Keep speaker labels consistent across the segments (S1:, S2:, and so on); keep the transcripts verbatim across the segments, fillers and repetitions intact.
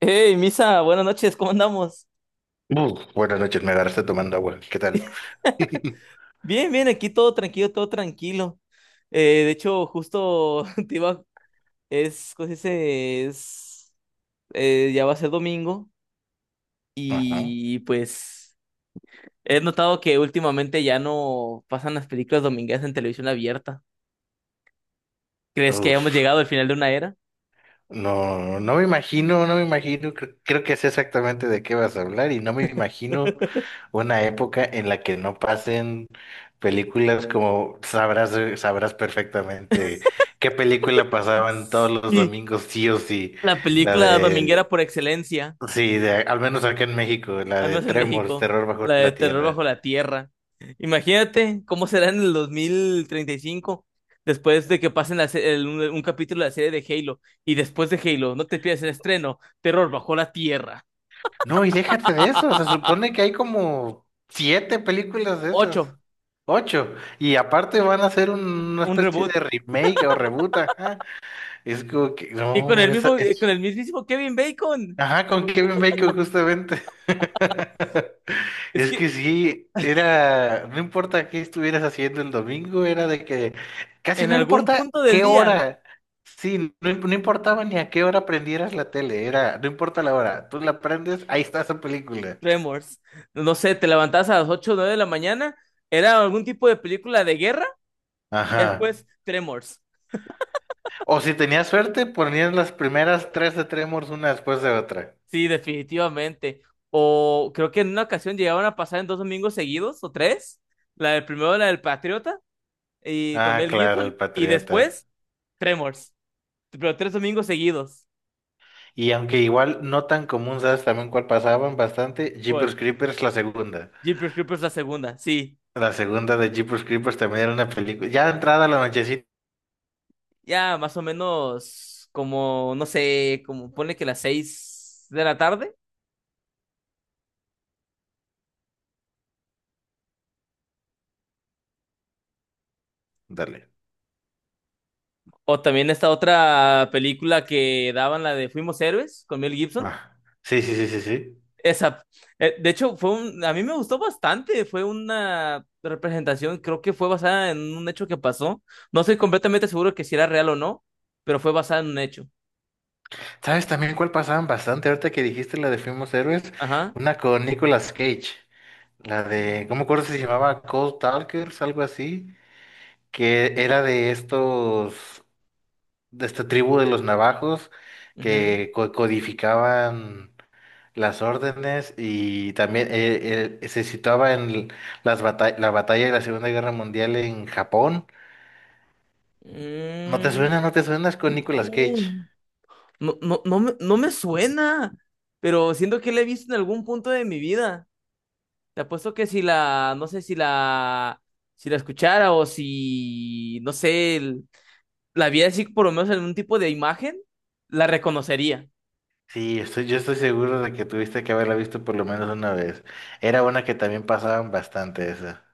S1: Hey, Misa, buenas noches, ¿cómo andamos?
S2: Buf, buenas noches, me agarraste tomando agua. ¿Qué tal?
S1: Bien, bien, aquí todo tranquilo, todo tranquilo. Eh, de hecho, justo te iba, es, ¿cómo se dice? Es, eh, ya va a ser domingo
S2: Ajá.
S1: y pues he notado que últimamente ya no pasan las películas domingueras en televisión abierta. ¿Crees que hayamos
S2: Uf.
S1: llegado al final de una era?
S2: No, no me imagino, no me imagino. Creo, creo que sé exactamente de qué vas a hablar y no me imagino una época en la que no pasen películas como sabrás, eh, sabrás perfectamente qué película pasaban todos los
S1: Sí.
S2: domingos, sí o sí.
S1: La
S2: La
S1: película
S2: de,
S1: dominguera por excelencia.
S2: sí, de, al menos acá en México, la
S1: Al
S2: de
S1: menos en
S2: Tremors,
S1: México,
S2: Terror bajo
S1: la de
S2: la
S1: terror
S2: Tierra.
S1: bajo la tierra. Imagínate cómo será en el dos mil treinta y cinco, después de que pasen la se- el- un, un capítulo de la serie de Halo, y después de Halo, no te pierdas el estreno, terror bajo la tierra.
S2: No, y déjate de eso, se supone que hay como siete películas de esas,
S1: Ocho,
S2: ocho, y aparte van a hacer un- una
S1: un
S2: especie de
S1: reboot.
S2: remake o reboot, ajá, es como que,
S1: Y con
S2: no,
S1: el
S2: esa
S1: mismo, eh, con
S2: es,
S1: el mismísimo Kevin Bacon.
S2: ajá, con Kevin Bacon justamente.
S1: Es
S2: Es que
S1: que
S2: sí, era, no importa qué estuvieras haciendo el domingo, era de que casi
S1: en
S2: no
S1: algún
S2: importa
S1: punto del
S2: qué
S1: día,
S2: hora, sí, no, im- no importaba ni a qué hora prendieras la tele, era, no importa la hora, tú la prendes, ahí está esa película.
S1: Tremors, no sé, te levantabas a las ocho o nueve de la mañana, era algún tipo de película de guerra, y
S2: Ajá.
S1: después Tremors.
S2: O si tenías suerte, ponías las primeras tres de Tremors una después de otra.
S1: Sí, definitivamente. O creo que en una ocasión llegaban a pasar en dos domingos seguidos, o tres. La del primero, la del Patriota, y con
S2: Ah,
S1: Mel
S2: claro,
S1: Gibson.
S2: el
S1: Y
S2: Patriota.
S1: después, Tremors. Pero tres domingos seguidos.
S2: Y aunque igual no tan común, ¿sabes también cuál pasaban bastante?
S1: ¿Cuál?
S2: Jeepers Creepers, la segunda.
S1: Jeepers Creepers la segunda, sí.
S2: La segunda de Jeepers Creepers también era una película. Ya entrada la nochecita.
S1: Ya más o menos como, no sé, como pone que las seis de la tarde.
S2: Dale.
S1: O también esta otra película que daban, la de Fuimos Héroes, con Mel Gibson.
S2: Ah. Sí, sí, sí, sí, sí.
S1: Esa, eh, de hecho, fue un, a mí me gustó bastante, fue una representación, creo que fue basada en un hecho que pasó. No estoy completamente seguro que si era real o no, pero fue basada en un hecho.
S2: ¿Sabes también cuál pasaban bastante? Ahorita que dijiste la de Fuimos Héroes,
S1: Ajá.
S2: una con Nicolas Cage. La de, ¿cómo me acuerdo si se llamaba? Cold Talkers, algo así. Que era de estos, de esta tribu de los navajos
S1: Ujú.
S2: que co- codificaban las órdenes y también eh, eh, se situaba en l- las bata- la batalla de la Segunda Guerra Mundial en Japón. ¿No te
S1: Mm,
S2: suena? ¿No te suenas con Nicolas Cage?
S1: no, no, no, no me, no me suena, pero siento que la he visto en algún punto de mi vida. Te apuesto que si la, no sé si la, si la escuchara o si, no sé, la vi así, por lo menos en un tipo de imagen, la reconocería.
S2: Sí, estoy, yo estoy seguro de que tuviste que haberla visto por lo menos una vez. Era una que también pasaban bastante esa.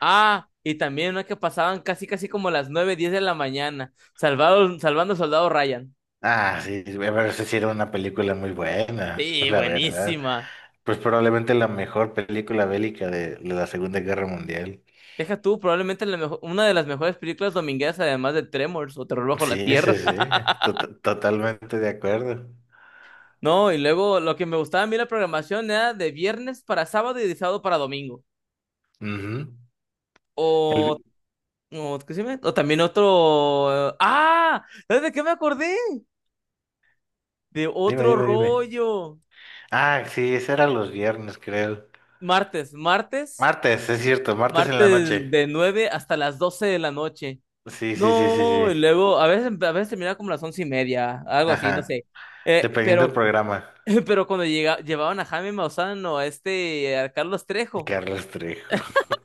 S1: Ah, y también una que pasaban casi, casi como a las nueve diez de la mañana, salvado, salvando al soldado Ryan.
S2: Ah, sí, pero esa sí era una película muy buena,
S1: Sí,
S2: la verdad.
S1: buenísima.
S2: Pues probablemente la mejor película bélica de, de la Segunda Guerra Mundial.
S1: Deja tú, probablemente la mejo- una de las mejores películas domingueras, además de Tremors o Terror bajo
S2: Sí,
S1: la Tierra.
S2: sí, sí, tot- totalmente de acuerdo.
S1: No, y luego lo que me gustaba a mí la programación era de viernes para sábado y de sábado para domingo.
S2: Ujú. El
S1: O,
S2: vi-
S1: o, ¿qué se llama? O también otro... ¡Ah! ¿Sabes de qué me acordé? De
S2: Dime,
S1: otro
S2: dime, dime.
S1: rollo.
S2: Ah, sí, ese era los viernes, creo.
S1: Martes, martes,
S2: Martes, es cierto, martes en la
S1: martes
S2: noche.
S1: de nueve hasta las doce de la noche.
S2: Sí, sí, sí, sí,
S1: No,
S2: sí.
S1: y luego a veces, a veces terminaba como las once y media, algo así, no
S2: Ajá.
S1: sé. Eh,
S2: Dependiendo del
S1: pero,
S2: programa.
S1: pero cuando llega, llevaban a Jaime Mausano, a este, a Carlos Trejo.
S2: Carlos Trejo.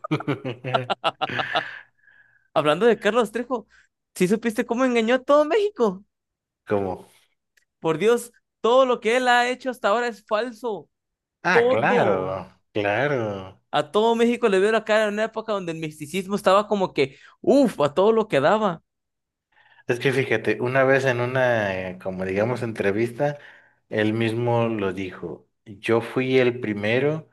S1: Hablando de Carlos Trejo, ¿sí supiste cómo engañó a todo México?
S2: ¿Cómo?
S1: Por Dios, todo lo que él ha hecho hasta ahora es falso.
S2: Ah,
S1: Todo.
S2: claro, claro.
S1: A todo México le veo la cara en una época donde el misticismo estaba como que, uff, a todo lo que daba.
S2: Es que fíjate, una vez en una, eh, como digamos, entrevista, él mismo lo dijo. Yo fui el primero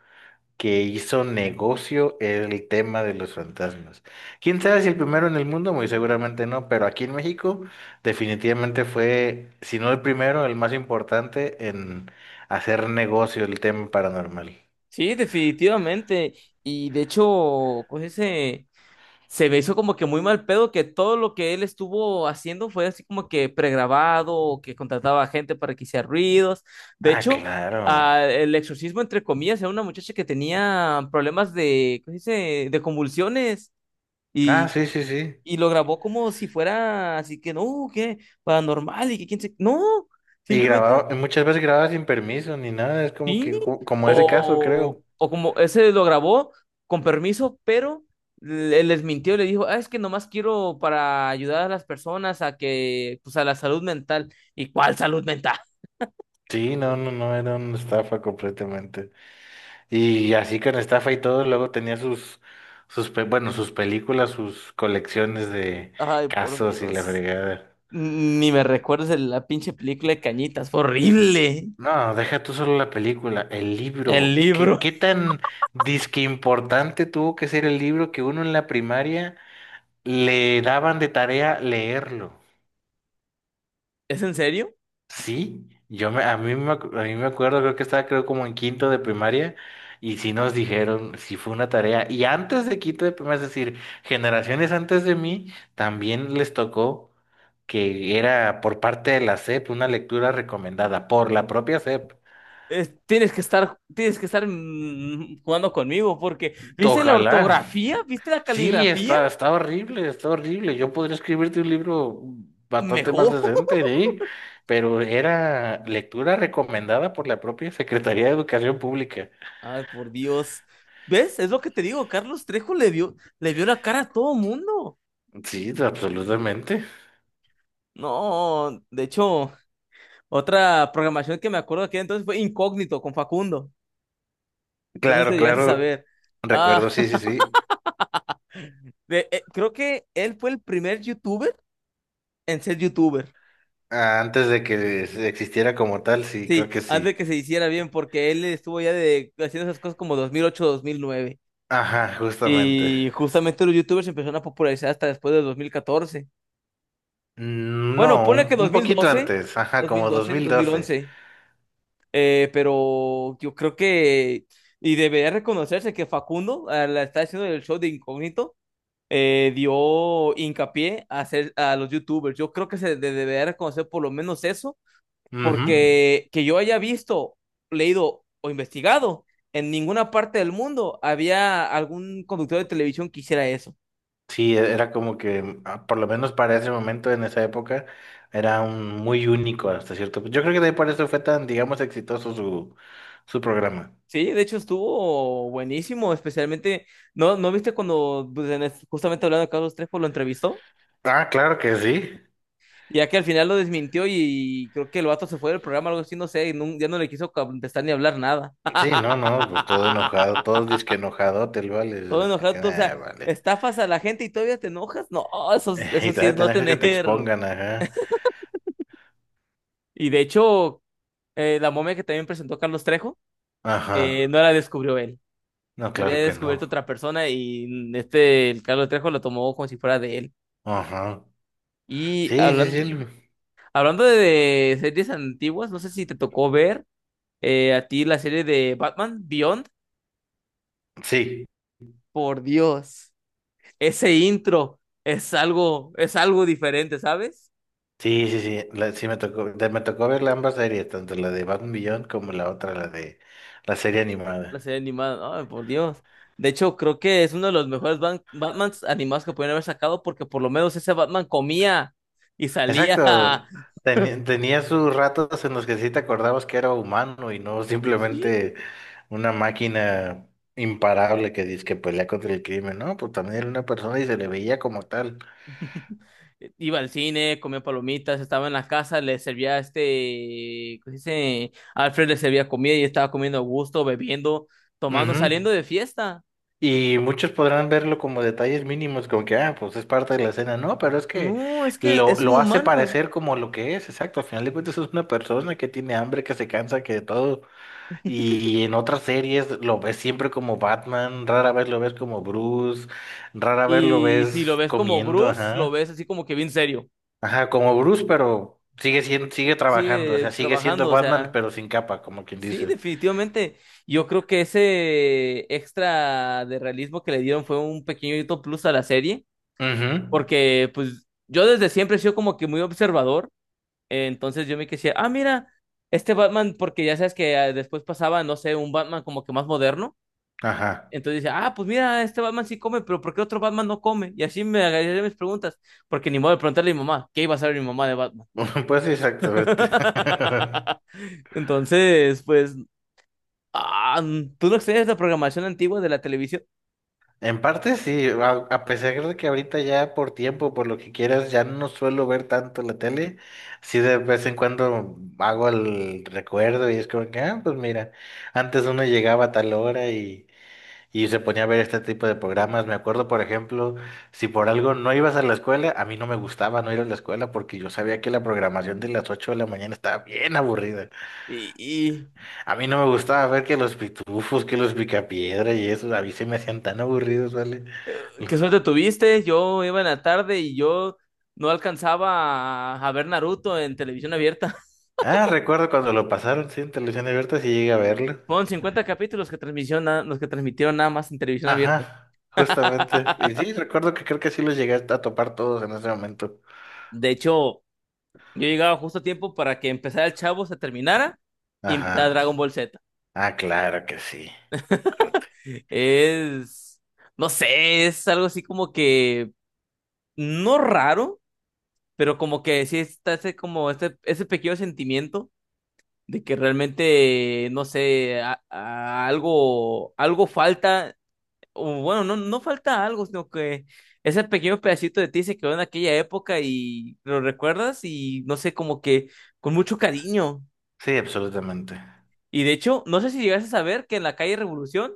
S2: que hizo negocio el tema de los fantasmas. ¿Quién sabe si el primero en el mundo? Muy seguramente no, pero aquí en México definitivamente fue, si no el primero, el más importante en hacer negocio el tema paranormal.
S1: Sí, definitivamente. Y de hecho, pues ese se me hizo como que muy mal pedo que todo lo que él estuvo haciendo fue así como que pregrabado, o que contrataba a gente para que hiciera ruidos. De
S2: Ah,
S1: hecho,
S2: claro.
S1: ah, el exorcismo, entre comillas, era una muchacha que tenía problemas de, ¿cómo se dice? De convulsiones
S2: Ah,
S1: y,
S2: sí, sí, sí.
S1: y lo grabó como si fuera así que no, que paranormal y que quién se. No,
S2: Y
S1: simplemente.
S2: grababa, muchas veces grababa sin permiso ni nada, es como
S1: Sí,
S2: que, ju- como ese caso,
S1: o,
S2: creo.
S1: o como ese lo grabó con permiso, pero le- les mintió, le dijo, ah, es que nomás quiero para ayudar a las personas a que, pues a la salud mental. ¿Y cuál salud mental?
S2: Sí, no, no, no, era una estafa completamente. Y así con estafa y todo, luego tenía sus, sus, pe- bueno, sus películas, sus colecciones de
S1: Ay, por
S2: casos y la
S1: Dios.
S2: fregada.
S1: Ni me recuerdes de la pinche película de Cañitas, fue horrible.
S2: No, deja tú solo la película, el
S1: El
S2: libro. ¿Qué,
S1: libro.
S2: qué tan disque importante tuvo que ser el libro que uno en la primaria le daban de tarea leerlo?
S1: ¿Es en serio?
S2: Sí, yo me, a mí me, ac- a mí me acuerdo, creo que estaba creo como en quinto de primaria y sí nos dijeron, sí fue una tarea. Y antes de quinto de primaria, es decir, generaciones antes de mí, también les tocó que era por parte de la S E P una lectura recomendada por la propia S E P.
S1: Es- tienes que estar, tienes que estar mm, jugando conmigo porque, ¿viste la
S2: Ojalá.
S1: ortografía? ¿Viste la
S2: Sí,
S1: caligrafía?
S2: está, está horrible, está horrible. Yo podría escribirte un libro bastante más
S1: Mejor.
S2: decente, ¿eh? Pero era lectura recomendada por la propia Secretaría de Educación Pública.
S1: Ay, por Dios. ¿Ves? Es lo que te digo, Carlos Trejo le vio, le vio la cara a todo mundo.
S2: Sí, absolutamente.
S1: No, de hecho, otra programación que me acuerdo de aquel entonces fue Incógnito con Facundo. No sé si lo
S2: Claro,
S1: llegaste a
S2: claro.
S1: saber. Ah,
S2: Recuerdo, sí, sí, sí.
S1: de- eh, creo que él fue el primer youtuber en ser youtuber.
S2: Ah, antes de que existiera como tal, sí, creo
S1: Sí,
S2: que
S1: antes de
S2: sí.
S1: que se hiciera bien, porque él estuvo ya de, haciendo esas cosas como dos dos mil ocho, dos mil nueve.
S2: Ajá, justamente.
S1: Y justamente los youtubers se empezaron a popularizar hasta después de dos mil catorce.
S2: Mm,
S1: Bueno,
S2: No,
S1: pone que
S2: un,
S1: dos dos
S2: un
S1: mil mil
S2: poquito
S1: doce,
S2: antes, ajá,
S1: dos mil
S2: como dos
S1: doce,
S2: mil
S1: dos mil
S2: doce.
S1: once. Eh, pero yo creo que, y debería reconocerse que Facundo, al estar haciendo el show de Incógnito, eh, dio hincapié a, hacer, a los YouTubers. Yo creo que se de- debería reconocer por lo menos eso,
S2: Ujú.
S1: porque que yo haya visto, leído o investigado, en ninguna parte del mundo había algún conductor de televisión que hiciera eso.
S2: Sí, e- era como que, ah, por lo menos para ese momento, en esa época, era un- muy único hasta cierto punto. Yo creo que de ahí por eso fue tan, digamos, exitoso su, su programa.
S1: Sí, de hecho estuvo buenísimo, especialmente, ¿no, no viste cuando, pues, en es- justamente hablando de Carlos Trejo, lo entrevistó?
S2: Ah, claro que sí.
S1: Y ya que al final lo desmintió y creo que el vato se fue del programa, algo así, no sé, y nun- ya no le quiso contestar ni hablar nada.
S2: Sí, no, no, pues todo enojado, todo disque enojado, te lo
S1: Todo
S2: vale, que-
S1: enojado,
S2: que,
S1: tú, o
S2: nah,
S1: sea,
S2: vale.
S1: estafas a la gente y todavía te enojas. No, eso, es- eso
S2: Y
S1: sí
S2: todavía
S1: es no
S2: tenés que que te
S1: tener.
S2: expongan, ajá.
S1: Y de hecho, eh, la momia que también presentó Carlos Trejo, eh,
S2: Ajá.
S1: no la descubrió él.
S2: No,
S1: La había
S2: claro que no.
S1: descubierto otra persona y este, el Carlos Trejo lo tomó como si fuera de él.
S2: Ajá.
S1: Y
S2: Sí, sí, sí.
S1: hablan-
S2: lo-
S1: hablando de, de series antiguas, no sé si te tocó ver eh, a ti la serie de Batman Beyond.
S2: Sí,
S1: Por Dios. Ese intro es algo, es algo diferente, ¿sabes?
S2: sí, sí, sí. La- sí me tocó, de- me tocó ver ambas series, tanto la de Batman Beyond como la otra, la de la serie
S1: La
S2: animada.
S1: serie animada, ay, por Dios. De hecho, creo que es uno de los mejores Ban- Batmans animados que pudieron haber sacado porque por lo menos ese Batman comía y salía,
S2: Exacto. Teni- tenía sus ratos en los que sí te acordabas que era humano y no
S1: sí,
S2: simplemente una máquina imparable que dice que pelea contra el crimen, ¿no? Pues también era una persona y se le veía como tal.
S1: iba al cine, comía palomitas, estaba en la casa, le servía este, ¿cómo se dice? Alfred le servía comida y estaba comiendo a gusto, bebiendo, tomando,
S2: Ujú.
S1: saliendo de fiesta.
S2: Y muchos podrán verlo como detalles mínimos, como que, ah, pues es parte de la escena. No, pero es que
S1: No, es que
S2: lo,
S1: es un
S2: lo hace
S1: humano.
S2: parecer como lo que es, exacto. Al final de cuentas es una persona que tiene hambre, que se cansa, que de todo. Y en otras series lo ves siempre como Batman, rara vez lo ves como Bruce, rara vez lo
S1: Y si lo
S2: ves
S1: ves como
S2: comiendo,
S1: Bruce, lo
S2: ajá.
S1: ves así como que bien serio.
S2: Ajá, como Bruce, pero sigue siendo, sigue trabajando, o
S1: Sigue
S2: sea, sigue
S1: trabajando,
S2: siendo
S1: o
S2: Batman,
S1: sea,
S2: pero sin capa, como quien
S1: sí,
S2: dice.
S1: definitivamente. Yo creo que ese extra de realismo que le dieron fue un pequeñito plus a la serie,
S2: Ujú.
S1: porque pues yo desde siempre he sido como que muy observador, eh, entonces yo me decía, ah, mira, este Batman, porque ya sabes que ah, después pasaba, no sé, un Batman como que más moderno.
S2: Ajá.
S1: Entonces dice, ah, pues mira, este Batman sí come, pero ¿por qué otro Batman no come? Y así me agarré mis preguntas, porque ni modo de preguntarle a mi mamá, ¿qué iba a saber mi mamá de Batman?
S2: Pues exactamente.
S1: Entonces, pues, ah, mm, tú no extrañas la programación antigua de la televisión.
S2: En parte sí, a, a pesar de que ahorita ya por tiempo, por lo que quieras, ya no suelo ver tanto la tele, sí de vez en cuando hago el recuerdo y es como que, ah, pues mira, antes uno llegaba a tal hora y, y se ponía a ver este tipo de programas. Me acuerdo, por ejemplo, si por algo no ibas a la escuela, a mí no me gustaba no ir a la escuela porque yo sabía que la programación de las ocho de la mañana estaba bien aburrida.
S1: Y, y
S2: A mí no me gustaba ver que los pitufos, que los picapiedra y eso, a mí se me hacían tan aburridos, ¿vale?
S1: qué suerte tuviste. Yo iba en la tarde y yo no alcanzaba a, a ver Naruto en televisión abierta.
S2: Ah, recuerdo cuando lo pasaron, sí, en televisión abierta, sí llegué a verlo.
S1: Fueron cincuenta capítulos que transmisión- los que transmitieron nada más en televisión abierta.
S2: Ajá, justamente. Y sí, recuerdo que creo que sí los llegué a topar todos en ese momento.
S1: De hecho, yo llegaba justo a tiempo para que empezara el Chavo, se terminara y empezara Dragon
S2: Ajá.
S1: Ball Z.
S2: Ah, claro que sí. Corte.
S1: Es, no sé, es algo así como que no raro, pero como que sí está ese, como este, ese pequeño sentimiento de que realmente, no sé, a- a- algo, algo falta, o bueno, no, no falta algo, sino que ese pequeño pedacito de ti se quedó en aquella época y lo recuerdas y no sé, como que con mucho cariño.
S2: Sí, absolutamente.
S1: Y de hecho, no sé si llegaste a saber que en la calle Revolución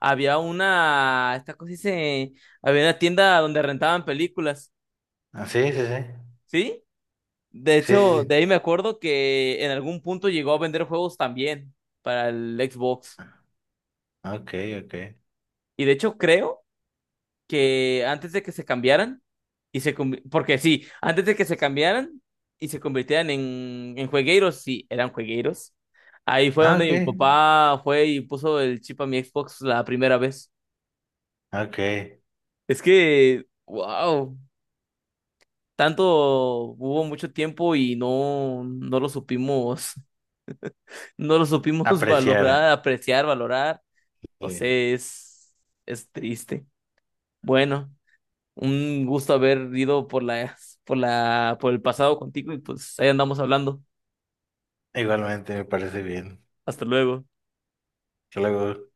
S1: había una, esta cosa dice, había una tienda donde rentaban películas,
S2: Ah, sí, sí, sí.
S1: ¿sí? De
S2: Sí, sí,
S1: hecho, de
S2: sí.
S1: ahí me acuerdo que en algún punto llegó a vender juegos también para el Xbox.
S2: Ok, ok.
S1: Y de hecho creo que antes de que se cambiaran, y se conv- porque sí, antes de que se cambiaran y se convirtieran en, en juegueiros, sí, eran juegueiros. Ahí fue
S2: Ah,
S1: donde
S2: ok.
S1: mi papá fue y puso el chip a mi Xbox la primera vez.
S2: Ok.
S1: Es que, wow, tanto hubo mucho tiempo y no, no lo supimos, no lo supimos
S2: Apreciar.
S1: valorar, apreciar, valorar. No
S2: Sí.
S1: sé, es, es triste. Bueno, un gusto haber ido por la, por la, por el pasado contigo y pues ahí andamos hablando.
S2: Igualmente me parece bien.
S1: Hasta luego.
S2: Hasta luego.